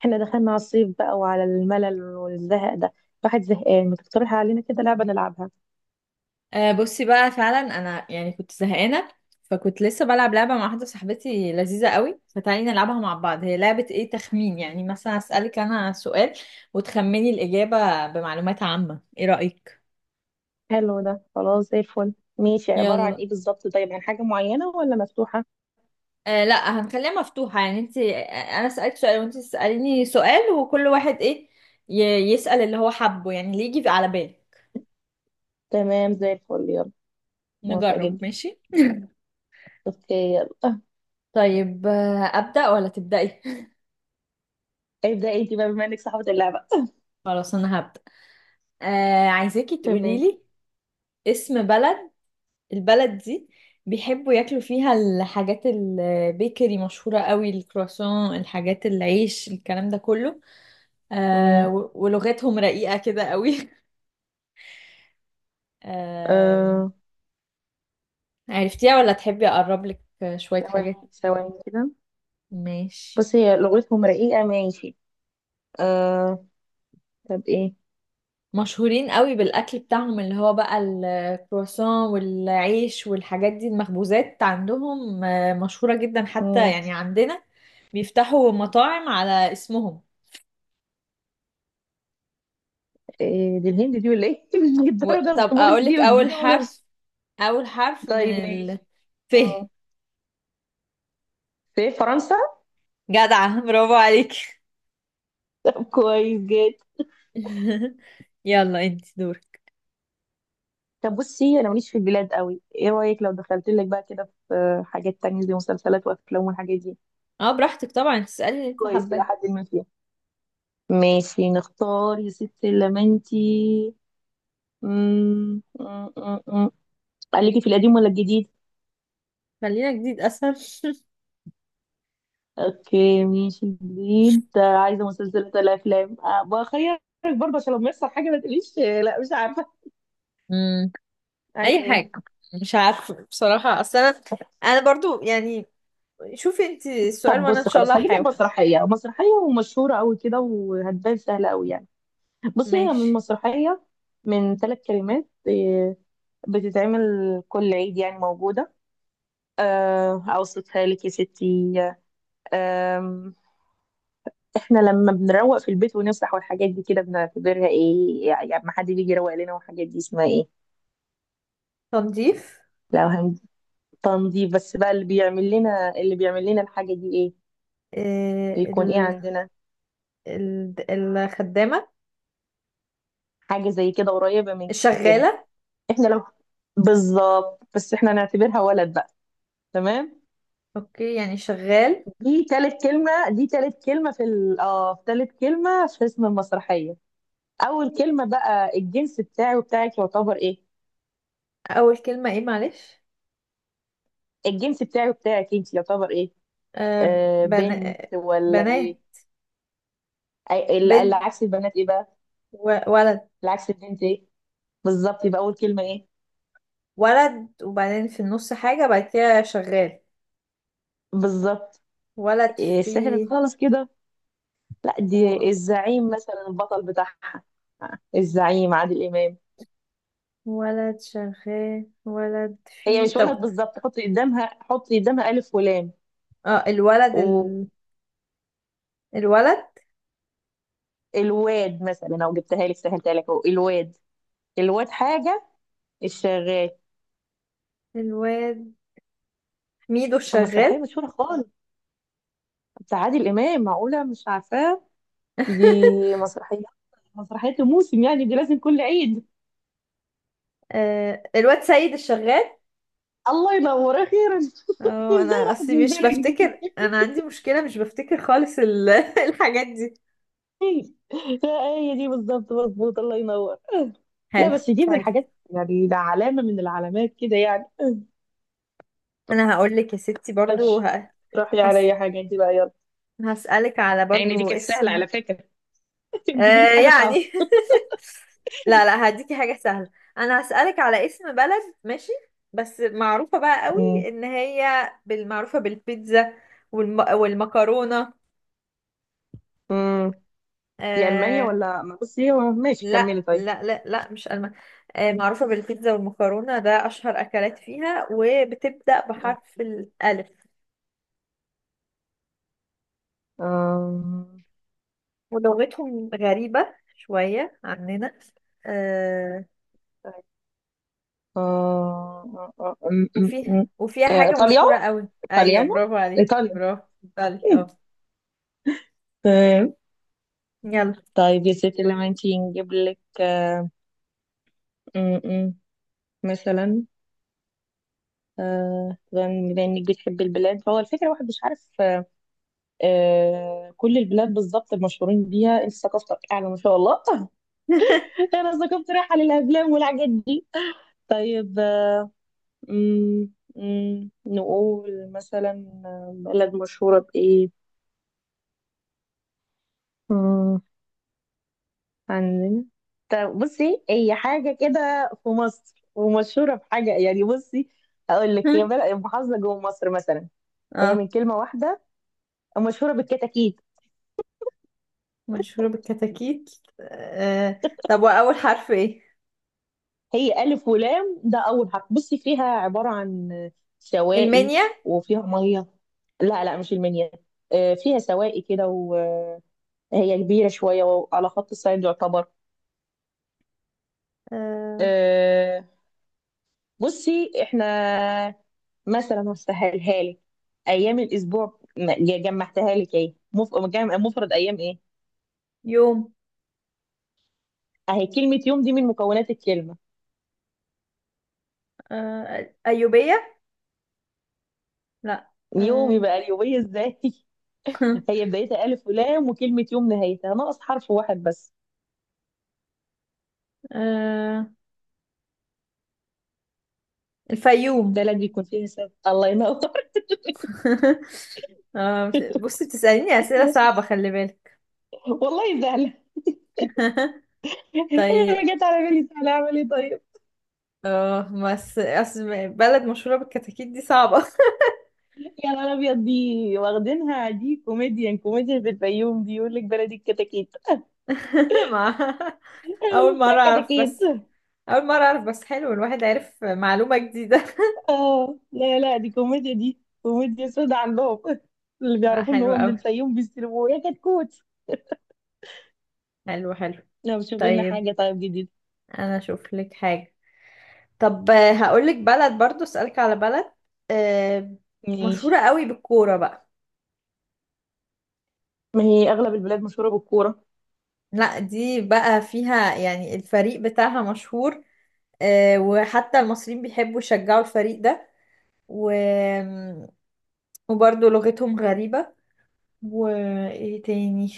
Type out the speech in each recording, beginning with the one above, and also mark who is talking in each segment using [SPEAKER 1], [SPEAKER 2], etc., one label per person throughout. [SPEAKER 1] احنا دخلنا على الصيف بقى وعلى الملل والزهق ده. الواحد زهقان، ما تقترح علينا كده لعبة نلعبها؟
[SPEAKER 2] آه، بصي بقى فعلا انا يعني كنت زهقانه، فكنت لسه بلعب لعبه مع واحده صاحبتي لذيذه قوي، فتعالي نلعبها مع بعض. هي لعبه ايه؟ تخمين، يعني مثلا اسالك انا سؤال وتخمني الاجابه بمعلومات عامه. ايه رايك؟
[SPEAKER 1] حلو ده، خلاص زي الفل. ماشي، عبارة عن
[SPEAKER 2] يلا.
[SPEAKER 1] ايه بالظبط؟ طيب، عن حاجة معينة ولا مفتوحة؟
[SPEAKER 2] آه لا، هنخليها مفتوحه، يعني انت انا اسالك سؤال وانت تساليني سؤال، وكل واحد ايه ي- يسال اللي هو حبه، يعني اللي يجي على بالك.
[SPEAKER 1] تمام زي الفل، يلا. موافقة
[SPEAKER 2] نجرب،
[SPEAKER 1] جدا.
[SPEAKER 2] ماشي.
[SPEAKER 1] اوكي يلا.
[SPEAKER 2] طيب ابدا ولا تبداي؟
[SPEAKER 1] ابدأ انت بقى بما انك صاحبة اللعبة.
[SPEAKER 2] خلاص انا هبدا. آه عايزاكي تقولي
[SPEAKER 1] تمام.
[SPEAKER 2] لي اسم بلد. البلد دي بيحبوا ياكلوا فيها الحاجات البيكري، مشهورة قوي الكرواسون، الحاجات، العيش، الكلام ده كله. آه
[SPEAKER 1] امم
[SPEAKER 2] ولغتهم رقيقة كده قوي. آه،
[SPEAKER 1] آه،
[SPEAKER 2] عرفتيها ولا تحبي أقرب لك شوية حاجات؟
[SPEAKER 1] ثواني ثواني كده.
[SPEAKER 2] ماشي.
[SPEAKER 1] بص، هي لغتهم رقيقة، ماشي. آه، طب ايه؟
[SPEAKER 2] مشهورين قوي بالأكل بتاعهم، اللي هو بقى الكرواسون والعيش والحاجات دي، المخبوزات عندهم مشهورة جدا، حتى
[SPEAKER 1] مم.
[SPEAKER 2] يعني عندنا بيفتحوا مطاعم على اسمهم.
[SPEAKER 1] إيه دي، الهند دي ولا ايه؟ مش
[SPEAKER 2] و...
[SPEAKER 1] الدرجة،
[SPEAKER 2] طب
[SPEAKER 1] الزبون
[SPEAKER 2] أقولك
[SPEAKER 1] دي
[SPEAKER 2] أول
[SPEAKER 1] دي ولا
[SPEAKER 2] حرف؟
[SPEAKER 1] مش.
[SPEAKER 2] أول حرف من
[SPEAKER 1] طيب
[SPEAKER 2] ال...
[SPEAKER 1] ماشي،
[SPEAKER 2] ف.
[SPEAKER 1] في فرنسا.
[SPEAKER 2] جدعة، برافو عليك.
[SPEAKER 1] كويس جدا.
[SPEAKER 2] يلا انت دور.
[SPEAKER 1] طب بصي، انا ماليش في البلاد قوي، ايه رايك لو دخلت لك بقى كده في حاجات تانية زي مسلسلات وافلام والحاجات دي؟
[SPEAKER 2] اه براحتك طبعا، تسألي اللي انت
[SPEAKER 1] كويس الى
[SPEAKER 2] حباه.
[SPEAKER 1] حد ما فيها. ماشي نختار يا ستي لمنتي. قالك في القديم ولا الجديد؟
[SPEAKER 2] خلينا جديد اسهل.
[SPEAKER 1] اوكي ماشي جديد. عايزه مسلسلات ولا افلام؟ أه بخيرك برضه عشان لما يحصل حاجه ما تقوليش لا مش عارفه.
[SPEAKER 2] مم.
[SPEAKER 1] عايزه
[SPEAKER 2] أي
[SPEAKER 1] ايه؟
[SPEAKER 2] حاجة، مش عارفة بصراحة، أصل أنا برضو يعني، شوفي انت السؤال
[SPEAKER 1] طب
[SPEAKER 2] وأنا إن
[SPEAKER 1] بص،
[SPEAKER 2] شاء الله
[SPEAKER 1] خلاص هجيب لك
[SPEAKER 2] هحاول.
[SPEAKER 1] مسرحيه ومشهوره قوي كده وهتبان سهله قوي يعني. بصي، هي
[SPEAKER 2] ماشي.
[SPEAKER 1] من مسرحية من ثلاث كلمات. إيه، بتتعمل كل عيد يعني، موجودة. آه، أوصفها لك يا ستي. آم، إحنا لما بنروق في البيت ونفسح والحاجات دي كده بنعتبرها إيه؟ يعني ما حد بيجي يروق لنا والحاجات دي، اسمها إيه؟
[SPEAKER 2] تنظيف.
[SPEAKER 1] لو هن تنظيف بس بقى، اللي بيعمل لنا الحاجة دي إيه؟
[SPEAKER 2] آه
[SPEAKER 1] بيكون إيه
[SPEAKER 2] ال...
[SPEAKER 1] عندنا؟
[SPEAKER 2] الخدامة.
[SPEAKER 1] حاجة زي كده قريبة من كده.
[SPEAKER 2] الشغالة.
[SPEAKER 1] إحنا لو بالظبط، بس إحنا نعتبرها ولد بقى. تمام.
[SPEAKER 2] اوكي يعني شغال.
[SPEAKER 1] دي تالت كلمة دي تالت كلمة في ال... اه في تالت كلمة في اسم المسرحية. أول كلمة بقى، الجنس بتاعي وبتاعك يعتبر إيه؟
[SPEAKER 2] أول كلمة ايه؟ معلش.
[SPEAKER 1] الجنس بتاعي وبتاعك أنت يعتبر إيه؟
[SPEAKER 2] آه
[SPEAKER 1] آه،
[SPEAKER 2] بنا...
[SPEAKER 1] بنت ولا
[SPEAKER 2] بنات.
[SPEAKER 1] إيه؟ اللي
[SPEAKER 2] بنت
[SPEAKER 1] عكس البنات إيه بقى؟
[SPEAKER 2] ولد.
[SPEAKER 1] اللي عكس البنت إيه؟ بالظبط، يبقى أول كلمة إيه؟
[SPEAKER 2] ولد، وبعدين في النص حاجة بعد كده شغال.
[SPEAKER 1] بالظبط.
[SPEAKER 2] ولد
[SPEAKER 1] إيه سهلت
[SPEAKER 2] في...
[SPEAKER 1] خالص كده. لا
[SPEAKER 2] و...
[SPEAKER 1] دي الزعيم مثلا، البطل بتاعها الزعيم عادل إمام.
[SPEAKER 2] ولد شغال، ولد
[SPEAKER 1] هي
[SPEAKER 2] في...
[SPEAKER 1] مش
[SPEAKER 2] طب،
[SPEAKER 1] ولد بالظبط، حطي قدامها ألف
[SPEAKER 2] اه الولد
[SPEAKER 1] ولام.
[SPEAKER 2] الولد.
[SPEAKER 1] الواد مثلا، او جبتها لك سهلتها لك اهو، الواد. الواد حاجه، الشغال.
[SPEAKER 2] الواد ميدو
[SPEAKER 1] مسرحيه
[SPEAKER 2] الشغال.
[SPEAKER 1] مشهوره خالص بتاع عادل امام، معقوله مش عارفاه؟ دي مسرحيه، مسرحيه الموسم يعني، دي لازم كل عيد.
[SPEAKER 2] آه، الواد سيد الشغال.
[SPEAKER 1] الله ينور، اخيرا.
[SPEAKER 2] اه
[SPEAKER 1] ازاي
[SPEAKER 2] انا
[SPEAKER 1] راحت
[SPEAKER 2] اصلي
[SPEAKER 1] من
[SPEAKER 2] مش
[SPEAKER 1] بالك دي؟
[SPEAKER 2] بفتكر، انا عندي مشكلة مش بفتكر خالص الحاجات دي.
[SPEAKER 1] لا، هي دي بالظبط، مظبوط، الله ينور. لا
[SPEAKER 2] حلو.
[SPEAKER 1] بس دي من
[SPEAKER 2] طيب
[SPEAKER 1] الحاجات يعني، ده علامه من العلامات كده يعني.
[SPEAKER 2] انا هقول لك يا ستي برضو
[SPEAKER 1] ماشي، روحي على
[SPEAKER 2] هس...
[SPEAKER 1] اي حاجه انت بقى، يلا.
[SPEAKER 2] هسألك على
[SPEAKER 1] يعني دي
[SPEAKER 2] برضو
[SPEAKER 1] كانت سهله
[SPEAKER 2] اسم.
[SPEAKER 1] على فكره. تجيبي لي
[SPEAKER 2] آه
[SPEAKER 1] حاجه صعبه.
[SPEAKER 2] يعني لا لا، هديكي حاجة سهلة. انا هسألك على اسم بلد، ماشي؟ بس معروفة بقى قوي، ان هي بالمعروفة بالبيتزا والمكرونة.
[SPEAKER 1] مم. دي ألمانيا
[SPEAKER 2] آه...
[SPEAKER 1] ولا بصي هو ماشي
[SPEAKER 2] لا
[SPEAKER 1] كملي طيب.
[SPEAKER 2] لا لا لا، مش آه معروفة بالبيتزا والمكرونة، ده اشهر اكلات فيها، وبتبدأ بحرف الالف،
[SPEAKER 1] آم،
[SPEAKER 2] ولغتهم غريبة شوية عننا. آه...
[SPEAKER 1] طيب. آه، آه، آم، آم،
[SPEAKER 2] وفيه،
[SPEAKER 1] آم.
[SPEAKER 2] وفيها
[SPEAKER 1] آه،
[SPEAKER 2] حاجة
[SPEAKER 1] إيطاليا،
[SPEAKER 2] مشهورة قوي. ايوه،
[SPEAKER 1] إيطاليانو،
[SPEAKER 2] برافو عليك،
[SPEAKER 1] إيطاليا،
[SPEAKER 2] برافو، بالي اه.
[SPEAKER 1] تمام.
[SPEAKER 2] يلا.
[SPEAKER 1] طيب يا ستي، لما انتي نجيب لك. آه، م- م. مثلا، بما انك بتحبي البلاد، فهو الفكرة الواحد مش عارف. كل البلاد بالظبط المشهورين بيها، انت ثقافتك أعلى ما شاء الله. أنا ثقافتي رايحة للأفلام والحاجات دي. طيب، مم، نقول مثلا بلد مشهورة بإيه. مم، عندنا، طب بصي، هي حاجة كده في مصر ومشهورة بحاجة يعني. بصي، أقول لك، هي بلد محافظة جوه مصر مثلا. هي
[SPEAKER 2] اه
[SPEAKER 1] من كلمة واحدة، مشهورة بالكتاكيت.
[SPEAKER 2] مشهورة بالكتاكيت. آه. طب وأول حرف إيه؟
[SPEAKER 1] هي ألف ولام ده أول حرف. بصي، فيها عبارة عن سواقي
[SPEAKER 2] المنيا.
[SPEAKER 1] وفيها مية. لا لا مش المنيا. آه، فيها سواقي كده، وهي كبيرة شوية وعلى خط الصيد يعتبر.
[SPEAKER 2] آه.
[SPEAKER 1] آه، بصي احنا مثلا هسهلها لك. ايام الاسبوع جمعتها لك ايه، مفرد ايام ايه؟
[SPEAKER 2] يوم.
[SPEAKER 1] اهي كلمه يوم دي من مكونات الكلمه.
[SPEAKER 2] آه. أيوبية. لا.
[SPEAKER 1] يوم
[SPEAKER 2] آه.
[SPEAKER 1] يبقى اليوميه ازاي؟ هي بدايتها الف ولام، وكلمه يوم نهايتها ناقص حرف واحد بس.
[SPEAKER 2] آه.
[SPEAKER 1] ده
[SPEAKER 2] الفيوم.
[SPEAKER 1] لازم يكون فيها سبب، الله ينور.
[SPEAKER 2] آه. بصي بتسأليني أسئلة صعبة، خلي بالك.
[SPEAKER 1] والله سهله هي، ما
[SPEAKER 2] طيب،
[SPEAKER 1] جت على بالي سهله اعمل ايه طيب.
[SPEAKER 2] اه بس أصل بلد مشهورة بالكتاكيت دي صعبة.
[SPEAKER 1] يا نهار ابيض، دي واخدينها دي، كوميديان في الفيوم دي يقول لك بلدي الكتاكيت.
[SPEAKER 2] مع،
[SPEAKER 1] قالوا
[SPEAKER 2] أول
[SPEAKER 1] بتاع
[SPEAKER 2] مرة أعرف
[SPEAKER 1] كتاكيت.
[SPEAKER 2] بس. أول مرة أعرف بس، حلو، الواحد عرف معلومة جديدة.
[SPEAKER 1] اه لا لا، دي كوميديا سودا عندهم. اللي
[SPEAKER 2] لا
[SPEAKER 1] بيعرفوا ان
[SPEAKER 2] حلو
[SPEAKER 1] هو من
[SPEAKER 2] أوي،
[SPEAKER 1] الفيوم بيستلموه يا كتكوت.
[SPEAKER 2] حلو حلو.
[SPEAKER 1] لو شوف لنا
[SPEAKER 2] طيب
[SPEAKER 1] حاجة طيب، جديد.
[SPEAKER 2] انا اشوف لك حاجة. طب هقول لك بلد، برضو اسألك على بلد. آه، مشهورة
[SPEAKER 1] ماشي،
[SPEAKER 2] قوي بالكورة بقى.
[SPEAKER 1] ما هي اغلب البلاد مشهوره بالكوره.
[SPEAKER 2] لا دي بقى فيها يعني الفريق بتاعها مشهور، وحتى المصريين بيحبوا يشجعوا الفريق ده، و... وبرضو لغتهم غريبة، وايه تاني،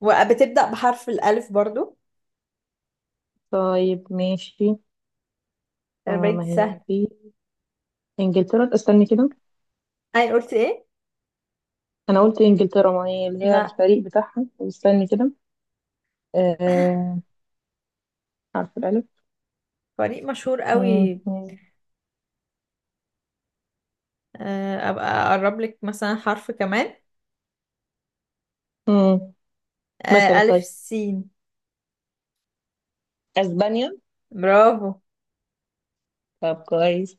[SPEAKER 2] وبتبدأ بحرف الألف برضو.
[SPEAKER 1] طيب ماشي.
[SPEAKER 2] خلي
[SPEAKER 1] آه،
[SPEAKER 2] بالك
[SPEAKER 1] ما
[SPEAKER 2] دي سهلة.
[SPEAKER 1] هي في انجلترا، استني كده.
[SPEAKER 2] اي قلت ايه؟
[SPEAKER 1] انا قلت انجلترا ما هي اللي هي
[SPEAKER 2] لا.
[SPEAKER 1] الفريق بتاعها، استني كده. آه، عارفه الالف.
[SPEAKER 2] فريق مشهور
[SPEAKER 1] مم،
[SPEAKER 2] قوي،
[SPEAKER 1] مم،
[SPEAKER 2] ابقى اقرب لك مثلا حرف كمان.
[SPEAKER 1] مم. مثلا
[SPEAKER 2] ألف
[SPEAKER 1] طيب،
[SPEAKER 2] سين.
[SPEAKER 1] اسبانيا.
[SPEAKER 2] برافو.
[SPEAKER 1] طب كويس،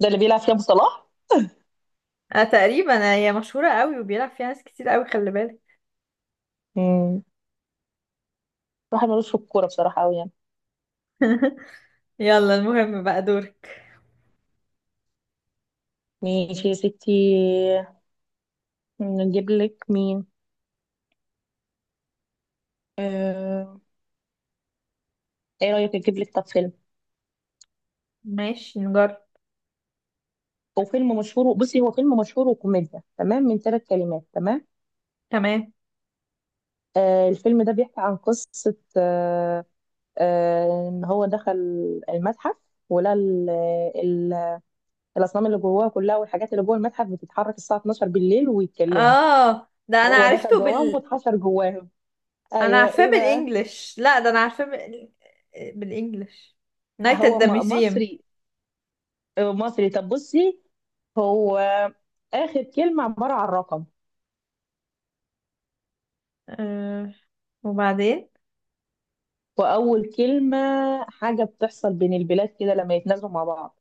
[SPEAKER 1] ده اللي بيلعب فيها أبو صلاح.
[SPEAKER 2] انا تقريبا هي مشهورة قوي وبيلعب فيها ناس كتير قوي، خلي بالك.
[SPEAKER 1] مم، واحد ملوش في الكوره بصراحه قوي يعني.
[SPEAKER 2] يلا، المهم بقى دورك.
[SPEAKER 1] ماشي يا ستي، نجيب لك مين؟ آه... ايه رأيك اجيب لك طب فيلم؟
[SPEAKER 2] ماشي، نجرب.
[SPEAKER 1] هو فيلم مشهور، بصي هو فيلم مشهور وكوميديا، تمام، من ثلاث كلمات، تمام.
[SPEAKER 2] تمام.
[SPEAKER 1] آه، الفيلم ده بيحكي عن قصة. ان هو دخل المتحف ولقى ال- الأصنام اللي جواه كلها والحاجات اللي جوه المتحف بتتحرك الساعة 12 بالليل ويتكلموا.
[SPEAKER 2] اه ده انا
[SPEAKER 1] هو دخل
[SPEAKER 2] عرفته
[SPEAKER 1] جواهم
[SPEAKER 2] بال...
[SPEAKER 1] واتحشر جواهم.
[SPEAKER 2] انا
[SPEAKER 1] ايوه
[SPEAKER 2] عارفاه
[SPEAKER 1] ايه بقى؟
[SPEAKER 2] بالانجلش، لا ده انا عارفاه بالانجلش. نايت ات
[SPEAKER 1] هو
[SPEAKER 2] ذا ميوزيوم.
[SPEAKER 1] مصري؟ آه، مصري. طب بصي هو، آخر كلمة عبارة عن رقم،
[SPEAKER 2] آه. وبعدين؟
[SPEAKER 1] وأول كلمة حاجة بتحصل بين البلاد كده لما يتنازلوا مع بعض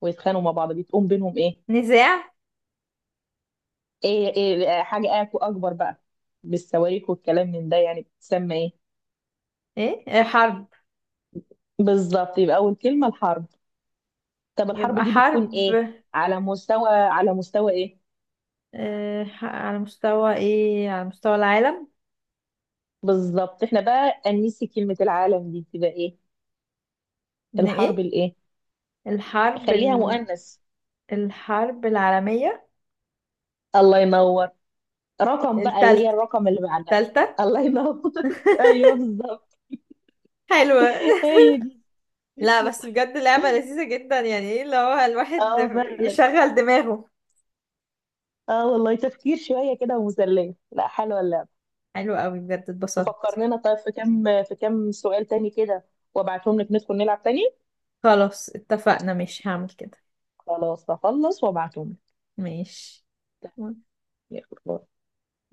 [SPEAKER 1] ويتخانقوا مع بعض بتقوم بينهم إيه؟
[SPEAKER 2] نزاع.
[SPEAKER 1] حاجة أكبر بقى، بالصواريخ والكلام من ده يعني، بتسمى إيه؟
[SPEAKER 2] ايه آه، حرب.
[SPEAKER 1] بالظبط، يبقى أول كلمة الحرب. طب الحرب
[SPEAKER 2] يبقى
[SPEAKER 1] دي بتكون إيه؟
[SPEAKER 2] حرب.
[SPEAKER 1] على مستوى إيه؟
[SPEAKER 2] آه على مستوى ايه، على مستوى العالم.
[SPEAKER 1] بالظبط. إحنا بقى أنسي كلمة العالم دي، تبقى إيه؟
[SPEAKER 2] ان
[SPEAKER 1] الحرب
[SPEAKER 2] ايه؟
[SPEAKER 1] الإيه؟
[SPEAKER 2] الحرب
[SPEAKER 1] خليها مؤنث.
[SPEAKER 2] الحرب العالمية.
[SPEAKER 1] الله ينور. رقم بقى، اللي هي
[SPEAKER 2] التالتة.
[SPEAKER 1] الرقم اللي بعدها.
[SPEAKER 2] التالتة.
[SPEAKER 1] الله ينور. ايوه بالظبط،
[SPEAKER 2] حلوة.
[SPEAKER 1] هي دي.
[SPEAKER 2] لا بس بجد لعبة لذيذة جدا، يعني ايه اللي هو الواحد
[SPEAKER 1] اه فعلا.
[SPEAKER 2] يشغل دماغه.
[SPEAKER 1] اه والله تفكير شويه كده ومسليه، لا حلوه اللعبه.
[SPEAKER 2] حلو قوي بجد، اتبسطت.
[SPEAKER 1] فكر لنا طيب في كام، في كام سؤال تاني كده وابعتهم لك، ندخل نلعب تاني.
[SPEAKER 2] خلاص اتفقنا، مش هعمل كده.
[SPEAKER 1] خلاص هخلص وابعتهم
[SPEAKER 2] ماشي.
[SPEAKER 1] لك.